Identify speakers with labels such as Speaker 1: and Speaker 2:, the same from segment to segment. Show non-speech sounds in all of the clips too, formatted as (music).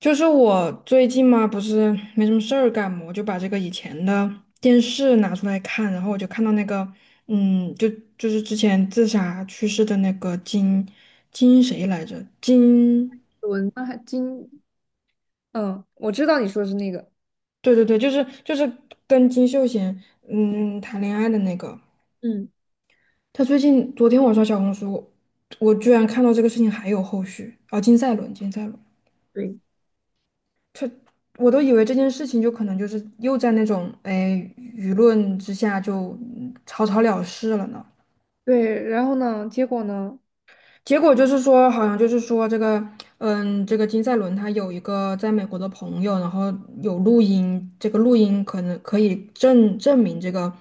Speaker 1: 就是我最近嘛，不是没什么事儿干嘛，我就把这个以前的电视拿出来看，然后我就看到那个，嗯，就就是之前自杀去世的那个金谁来着？金，
Speaker 2: 文那还金，我知道你说的是那个，
Speaker 1: 对，就是跟金秀贤谈恋爱的那个，
Speaker 2: 嗯，
Speaker 1: 他最近昨天我刷小红书，我居然看到这个事情还有后续，啊，金赛纶，金赛纶。
Speaker 2: 对，
Speaker 1: 我都以为这件事情就可能就是又在那种哎舆论之下就草草了事了呢。
Speaker 2: 对。然后呢，结果呢？
Speaker 1: 结果就是说，好像就是说这个，嗯，这个金赛纶他有一个在美国的朋友，然后有录音，这个录音可能可以证明这个，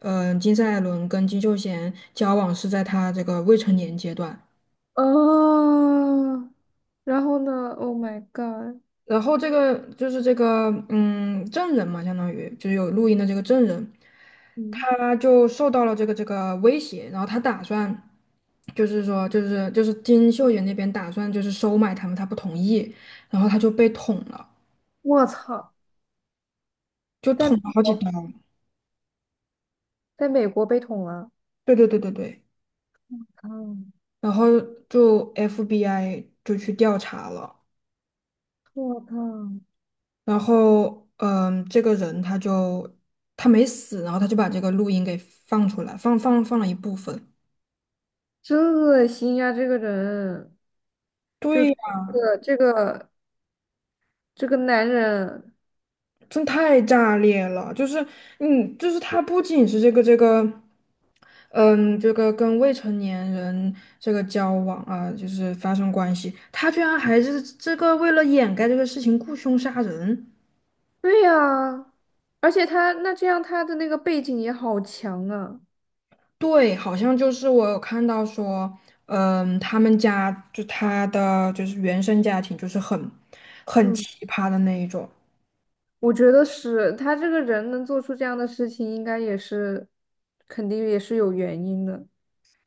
Speaker 1: 嗯，金赛纶跟金秀贤交往是在他这个未成年阶段。
Speaker 2: 哦，然后呢，Oh my God,
Speaker 1: 然后这个就是这个证人嘛，相当于就是有录音的这个证人，
Speaker 2: 嗯，
Speaker 1: 他就受到了这个威胁，然后他打算就是说就是金秀贤那边打算就是收买他们，他不同意，然后他就被捅了，
Speaker 2: 我操。
Speaker 1: 就
Speaker 2: 在
Speaker 1: 捅
Speaker 2: 美
Speaker 1: 了好几
Speaker 2: 国，
Speaker 1: 刀。
Speaker 2: 被捅了，
Speaker 1: 对对对对对，
Speaker 2: 啊，
Speaker 1: 然后就 FBI 就去调查了，
Speaker 2: 我操，
Speaker 1: 然后这个人他就他没死，然后他就把这个录音给放出来，放了一部分。
Speaker 2: 真恶心呀、这个人。就这
Speaker 1: 对，
Speaker 2: 个这个这个男人，
Speaker 1: 真太炸裂了！就是，嗯，就是他不仅是这个，嗯，这个跟未成年人这个交往啊，就是发生关系，他居然还是这个为了掩盖这个事情雇凶杀人。
Speaker 2: 对呀。而且他那这样他的那个背景也好强啊。
Speaker 1: 对，好像就是我有看到说，嗯，他们家就他的就是原生家庭就是很
Speaker 2: 嗯，
Speaker 1: 奇葩的那一种。
Speaker 2: 我觉得是他这个人能做出这样的事情，应该也是肯定也是有原因的。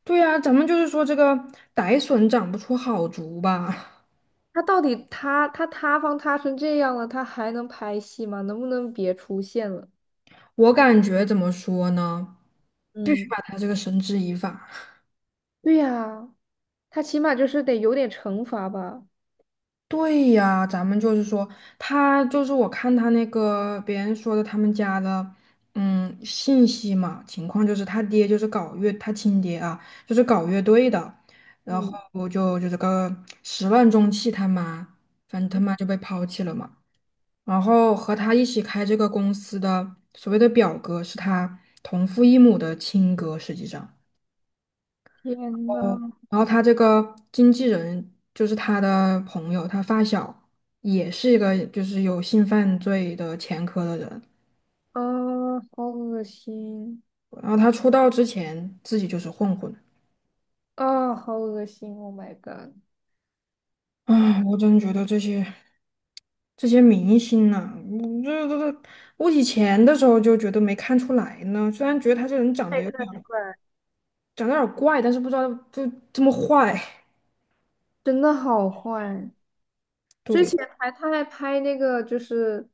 Speaker 1: 对呀，咱们就是说这个歹笋长不出好竹吧。
Speaker 2: 他到底他塌方塌成这样了，他还能拍戏吗？能不能别出现了？
Speaker 1: 我感觉怎么说呢？必须
Speaker 2: 嗯，
Speaker 1: 把他这个绳之以法。
Speaker 2: 对呀，他起码就是得有点惩罚吧。
Speaker 1: 对呀，咱们就是说，他就是我看他那个别人说的他们家的，嗯，信息嘛，情况就是他爹就是搞乐，他亲爹啊，就是搞乐队的，然后
Speaker 2: 嗯，
Speaker 1: 我就就这个始乱终弃，他妈，反正他妈就被抛弃了嘛。然后和他一起开这个公司的所谓的表哥是他同父异母的亲哥，实际上。
Speaker 2: 天呐，
Speaker 1: 哦，然后他这个经纪人就是他的朋友，他发小也是一个就是有性犯罪的前科的人。
Speaker 2: 啊，好恶心，
Speaker 1: 然后他出道之前自己就是混混。
Speaker 2: 啊，好恶心！Oh my god,
Speaker 1: 啊，我真觉得这些这些明星呐、嗯这这这，我以前的时候就觉得没看出来呢，虽然觉得他这人长得
Speaker 2: 太
Speaker 1: 有点
Speaker 2: 看了，
Speaker 1: 长得有点怪，但是不知道就这么坏。
Speaker 2: 真的好坏。之
Speaker 1: 对，
Speaker 2: 前他还拍那个就是，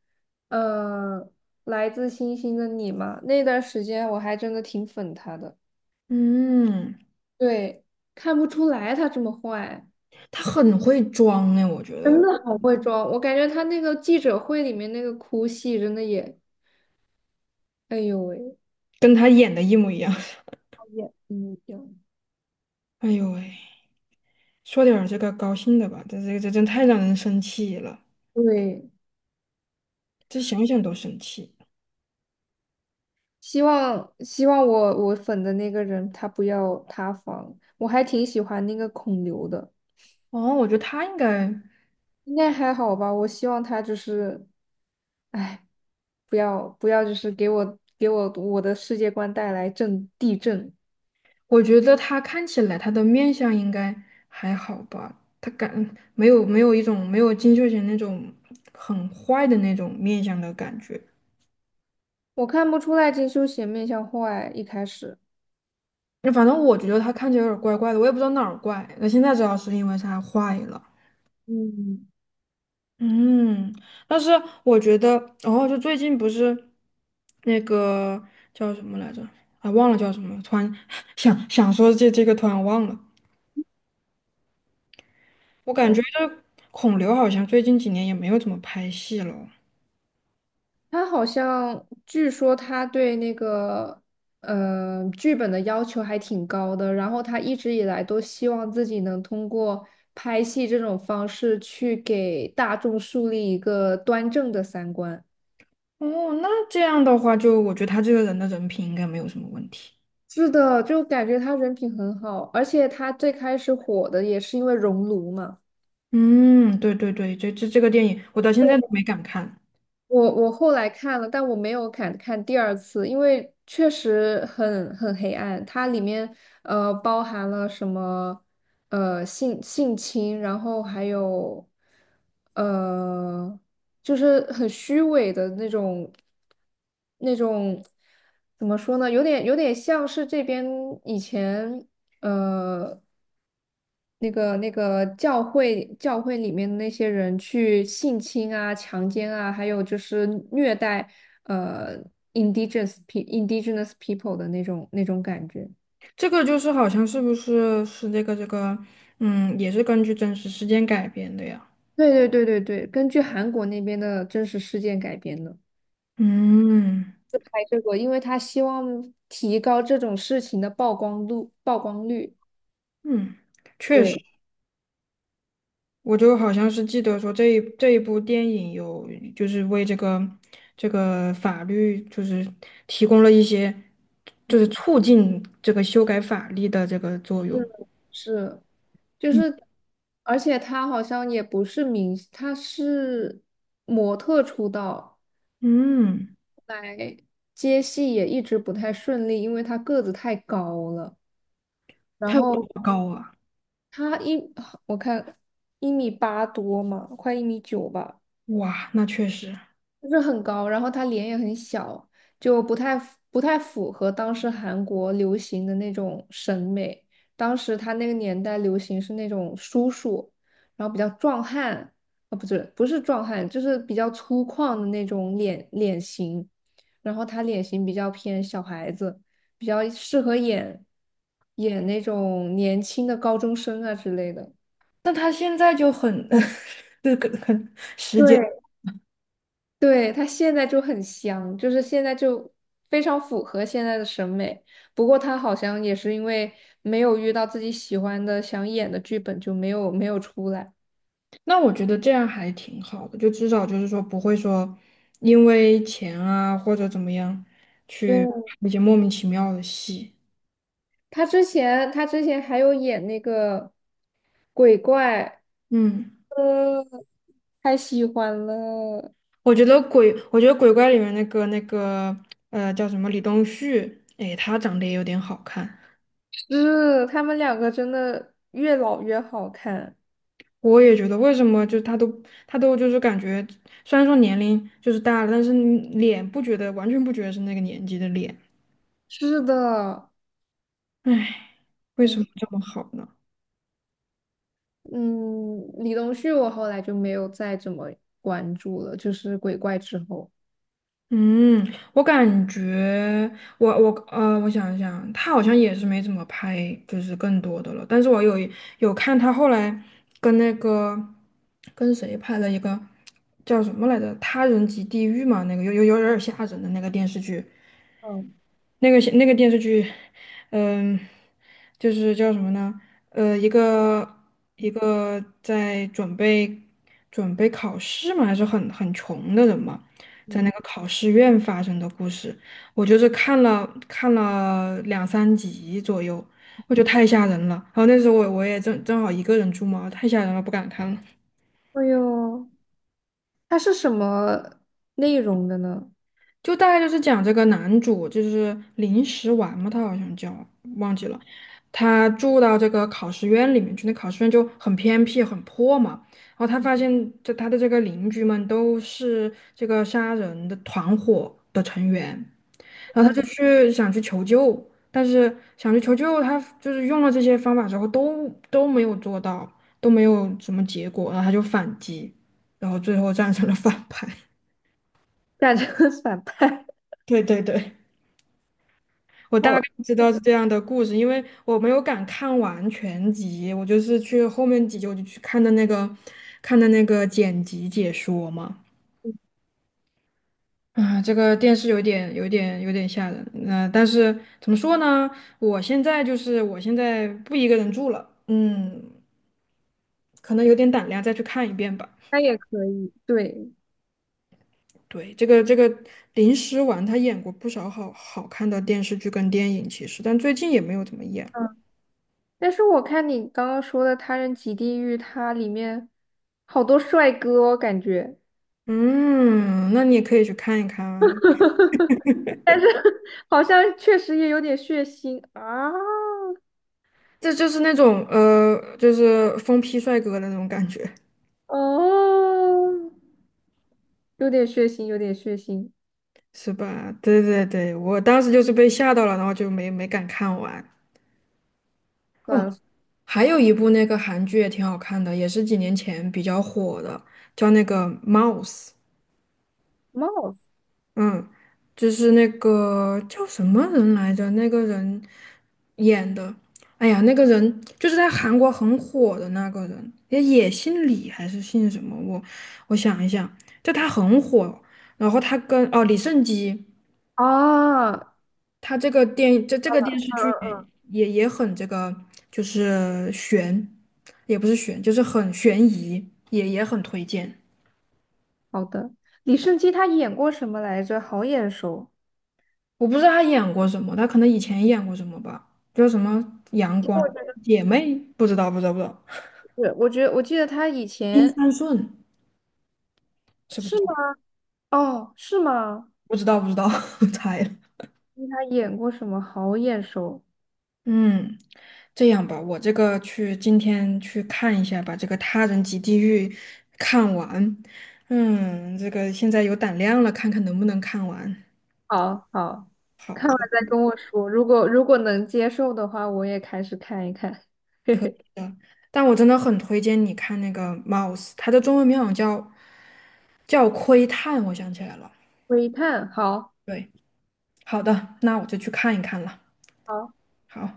Speaker 2: 呃，来自星星的你嘛，那段时间我还真的挺粉他的，
Speaker 1: 嗯，
Speaker 2: 对，看不出来他这么坏。
Speaker 1: 他很会装哎，我觉得
Speaker 2: 真的好会装，我感觉他那个记者会里面那个哭戏真的也，哎呦喂，
Speaker 1: 跟他演的一模一样。(laughs)
Speaker 2: 也嗯，
Speaker 1: 哎呦喂！说点儿这个高兴的吧，这这这真太让人生气了，
Speaker 2: 对。
Speaker 1: 这想想都生气。
Speaker 2: 希望我粉的那个人他不要塌房，我还挺喜欢那个孔刘的，
Speaker 1: 哦，我觉得他应该，
Speaker 2: 应该还好吧，我希望他就是，哎，不要，就是给我我的世界观带来震地震。
Speaker 1: 我觉得他看起来他的面相应该还好吧，没有金秀贤那种很坏的那种面相的感觉。
Speaker 2: 我看不出来金修贤面相坏，一开始。
Speaker 1: 那反正我觉得他看起来有点怪怪的，我也不知道哪儿怪。那现在知道是因为他坏了。
Speaker 2: 嗯，
Speaker 1: 嗯，但是我觉得，哦，就最近不是那个叫什么来着？啊，忘了叫什么了突然 (laughs) 想想说这这个，突然忘了。我感觉
Speaker 2: 的。
Speaker 1: 这孔刘好像最近几年也没有怎么拍戏了。
Speaker 2: 他好像据说他对那个剧本的要求还挺高的，然后他一直以来都希望自己能通过拍戏这种方式去给大众树立一个端正的三观。
Speaker 1: 哦，那这样的话就，我觉得他这个人的人品应该没有什么问题。
Speaker 2: 是的，就感觉他人品很好，而且他最开始火的也是因为《熔炉》嘛。
Speaker 1: 嗯，这这这个电影我到现在都没敢看。
Speaker 2: 我后来看了，但我没有敢看第二次，因为确实很黑暗。它里面包含了什么性侵，然后还有呃就是很虚伪的那种那种，怎么说呢？有点像是这边以前呃。那个那个教会里面的那些人去性侵啊、强奸啊，还有就是虐待呃 indigenous people 的那种那种感觉。
Speaker 1: 这个就是好像是这个这个，嗯，也是根据真实事件改编的呀。
Speaker 2: 对对对对对，根据韩国那边的真实事件改编的。
Speaker 1: 嗯。
Speaker 2: 拍这个，因为他希望提高这种事情的曝光度、曝光率。
Speaker 1: 嗯，确实，
Speaker 2: 对，
Speaker 1: 我就好像是记得说这一部电影有就是为这个这个法律就是提供了一些就是促进这个修改法律的这个作用。
Speaker 2: 是是，就是，而且他好像也不是明星，他是模特出道。
Speaker 1: 嗯，
Speaker 2: 来接戏也一直不太顺利，因为他个子太高了。然
Speaker 1: 它有
Speaker 2: 后
Speaker 1: 多高啊？
Speaker 2: 他一，我看一米八多嘛，快一米九吧。
Speaker 1: 哇，那确实。
Speaker 2: 就是很高，然后他脸也很小，就不太符合当时韩国流行的那种审美。当时他那个年代流行是那种叔叔，然后比较壮汉，啊、不是壮汉，就是比较粗犷的那种脸型，然后他脸型比较偏小孩子，比较适合演那种年轻的高中生啊之类的。
Speaker 1: 那他现在就很 (laughs) 这个很时间，
Speaker 2: 对，对，他现在就很香，就是现在就非常符合现在的审美。不过他好像也是因为没有遇到自己喜欢的、想演的剧本，就没有出来。
Speaker 1: 那我觉得这样还挺好的，就至少就是说不会说因为钱啊或者怎么样去
Speaker 2: 对，
Speaker 1: 拍一些莫名其妙的戏。
Speaker 2: 他之前还有演那个鬼怪，
Speaker 1: 嗯，
Speaker 2: 嗯，太喜欢了。
Speaker 1: 我觉得鬼，我觉得鬼怪里面那个呃叫什么李东旭，哎，他长得也有点好看。
Speaker 2: 是，他们两个真的越老越好看。
Speaker 1: 我也觉得，为什么就他都就是感觉，虽然说年龄就是大了，但是你脸不觉得完全不觉得是那个年纪的脸，
Speaker 2: 是的，
Speaker 1: 哎，为
Speaker 2: 嗯，
Speaker 1: 什么这么好呢？
Speaker 2: 嗯，李东旭我后来就没有再怎么关注了，就是鬼怪之后。
Speaker 1: 嗯，我感觉我想一想，他好像也是没怎么拍，就是更多的了。但是我有一有看他后来跟那个跟谁拍了一个叫什么来着，《他人及地狱》嘛，那个有点吓人的那个电视剧。
Speaker 2: 嗯，
Speaker 1: 那个电视剧，嗯，就是叫什么呢？呃，一个在准备考试嘛，还是很穷的人嘛，在
Speaker 2: 嗯，
Speaker 1: 那个考试院发生的故事，我就是看了两三集左右，我觉得太吓人了。然后那时候我也正好一个人住嘛，太吓人了，不敢看了。
Speaker 2: 哎呦，它是什么内容的呢？
Speaker 1: 就大概就是讲这个男主就是临时丸嘛，他好像叫忘记了，他住到这个考试院里面去，那考试院就很偏僻很破嘛，然后他发现这他的这个邻居们都是这个杀人的团伙的成员，然后他就
Speaker 2: 嗯，
Speaker 1: 去想去求救，但是想去求救，他就是用了这些方法之后都没有做到，都没有什么结果，然后他就反击，然后最后战成了反派。(laughs)
Speaker 2: 感觉很反派。
Speaker 1: 对对对。我大
Speaker 2: 好，
Speaker 1: 概知道是这样的故事，因为我没有敢看完全集，我就是去后面几集我就去看的那个，看的那个剪辑解说嘛。啊，这个电视有点、有点、有点吓人。那、但是怎么说呢？我现在不一个人住了，嗯，可能有点胆量再去看一遍吧。
Speaker 2: 那也可以。对，
Speaker 1: 对，这个这个林诗婉她演过不少好看的电视剧跟电影，其实，但最近也没有怎么演。
Speaker 2: 嗯，但是我看你刚刚说的《他人即地狱》，它里面好多帅哥哦感觉
Speaker 1: 嗯，那你也可以去看一看啊。
Speaker 2: (laughs) 好像确实也有点血腥啊。
Speaker 1: 这就是那种呃，就是疯批帅哥的那种感觉，
Speaker 2: 哦，有点血腥，有点血腥，
Speaker 1: 是吧？对对对，我当时就是被吓到了，然后就没敢看完。
Speaker 2: 算
Speaker 1: 哦，
Speaker 2: 了。
Speaker 1: 还有一部那个韩剧也挺好看的，也是几年前比较火的，叫那个《Mouse》。
Speaker 2: 帽子。
Speaker 1: 嗯，就是那个叫什么人来着？那个人演的，哎呀，那个人就是在韩国很火的那个人，也姓李还是姓什么？我想一想，就他很火，然后他跟哦李胜基，
Speaker 2: 啊，嗯嗯，
Speaker 1: 他这个电这这个电视剧也
Speaker 2: 嗯，
Speaker 1: 也也很这个，就是悬，也不是悬，就是很悬疑，也很推荐。
Speaker 2: 好的。李胜基他演过什么来着？好眼熟。
Speaker 1: 我不知道他演过什么，他可能以前演过什么吧，叫什么《阳
Speaker 2: 其实
Speaker 1: 光
Speaker 2: 我觉得
Speaker 1: 姐妹》，不知道，不知道，不知道，
Speaker 2: 是，我觉得我记得他以
Speaker 1: 《金
Speaker 2: 前，
Speaker 1: 三顺》是不
Speaker 2: 是
Speaker 1: 是他？
Speaker 2: 吗？哦，是吗？
Speaker 1: 不知道，不知道，(laughs) 猜了。
Speaker 2: 他演过什么？好眼熟。
Speaker 1: 嗯，这样吧，我这个去今天去看一下，把这个《他人及地狱》看完。嗯，这个现在有胆量了，看看能不能看完。
Speaker 2: 好好，
Speaker 1: 好
Speaker 2: 看完再跟我说。如果能接受的话，我也开始看一看。(laughs) 嘿嘿，
Speaker 1: 的，但我真的很推荐你看那个《Mouse》，它的中文名好像叫叫窥探，我想起来了。
Speaker 2: 微探，好，
Speaker 1: 对。好的，那我就去看一看了。
Speaker 2: 好。
Speaker 1: 好。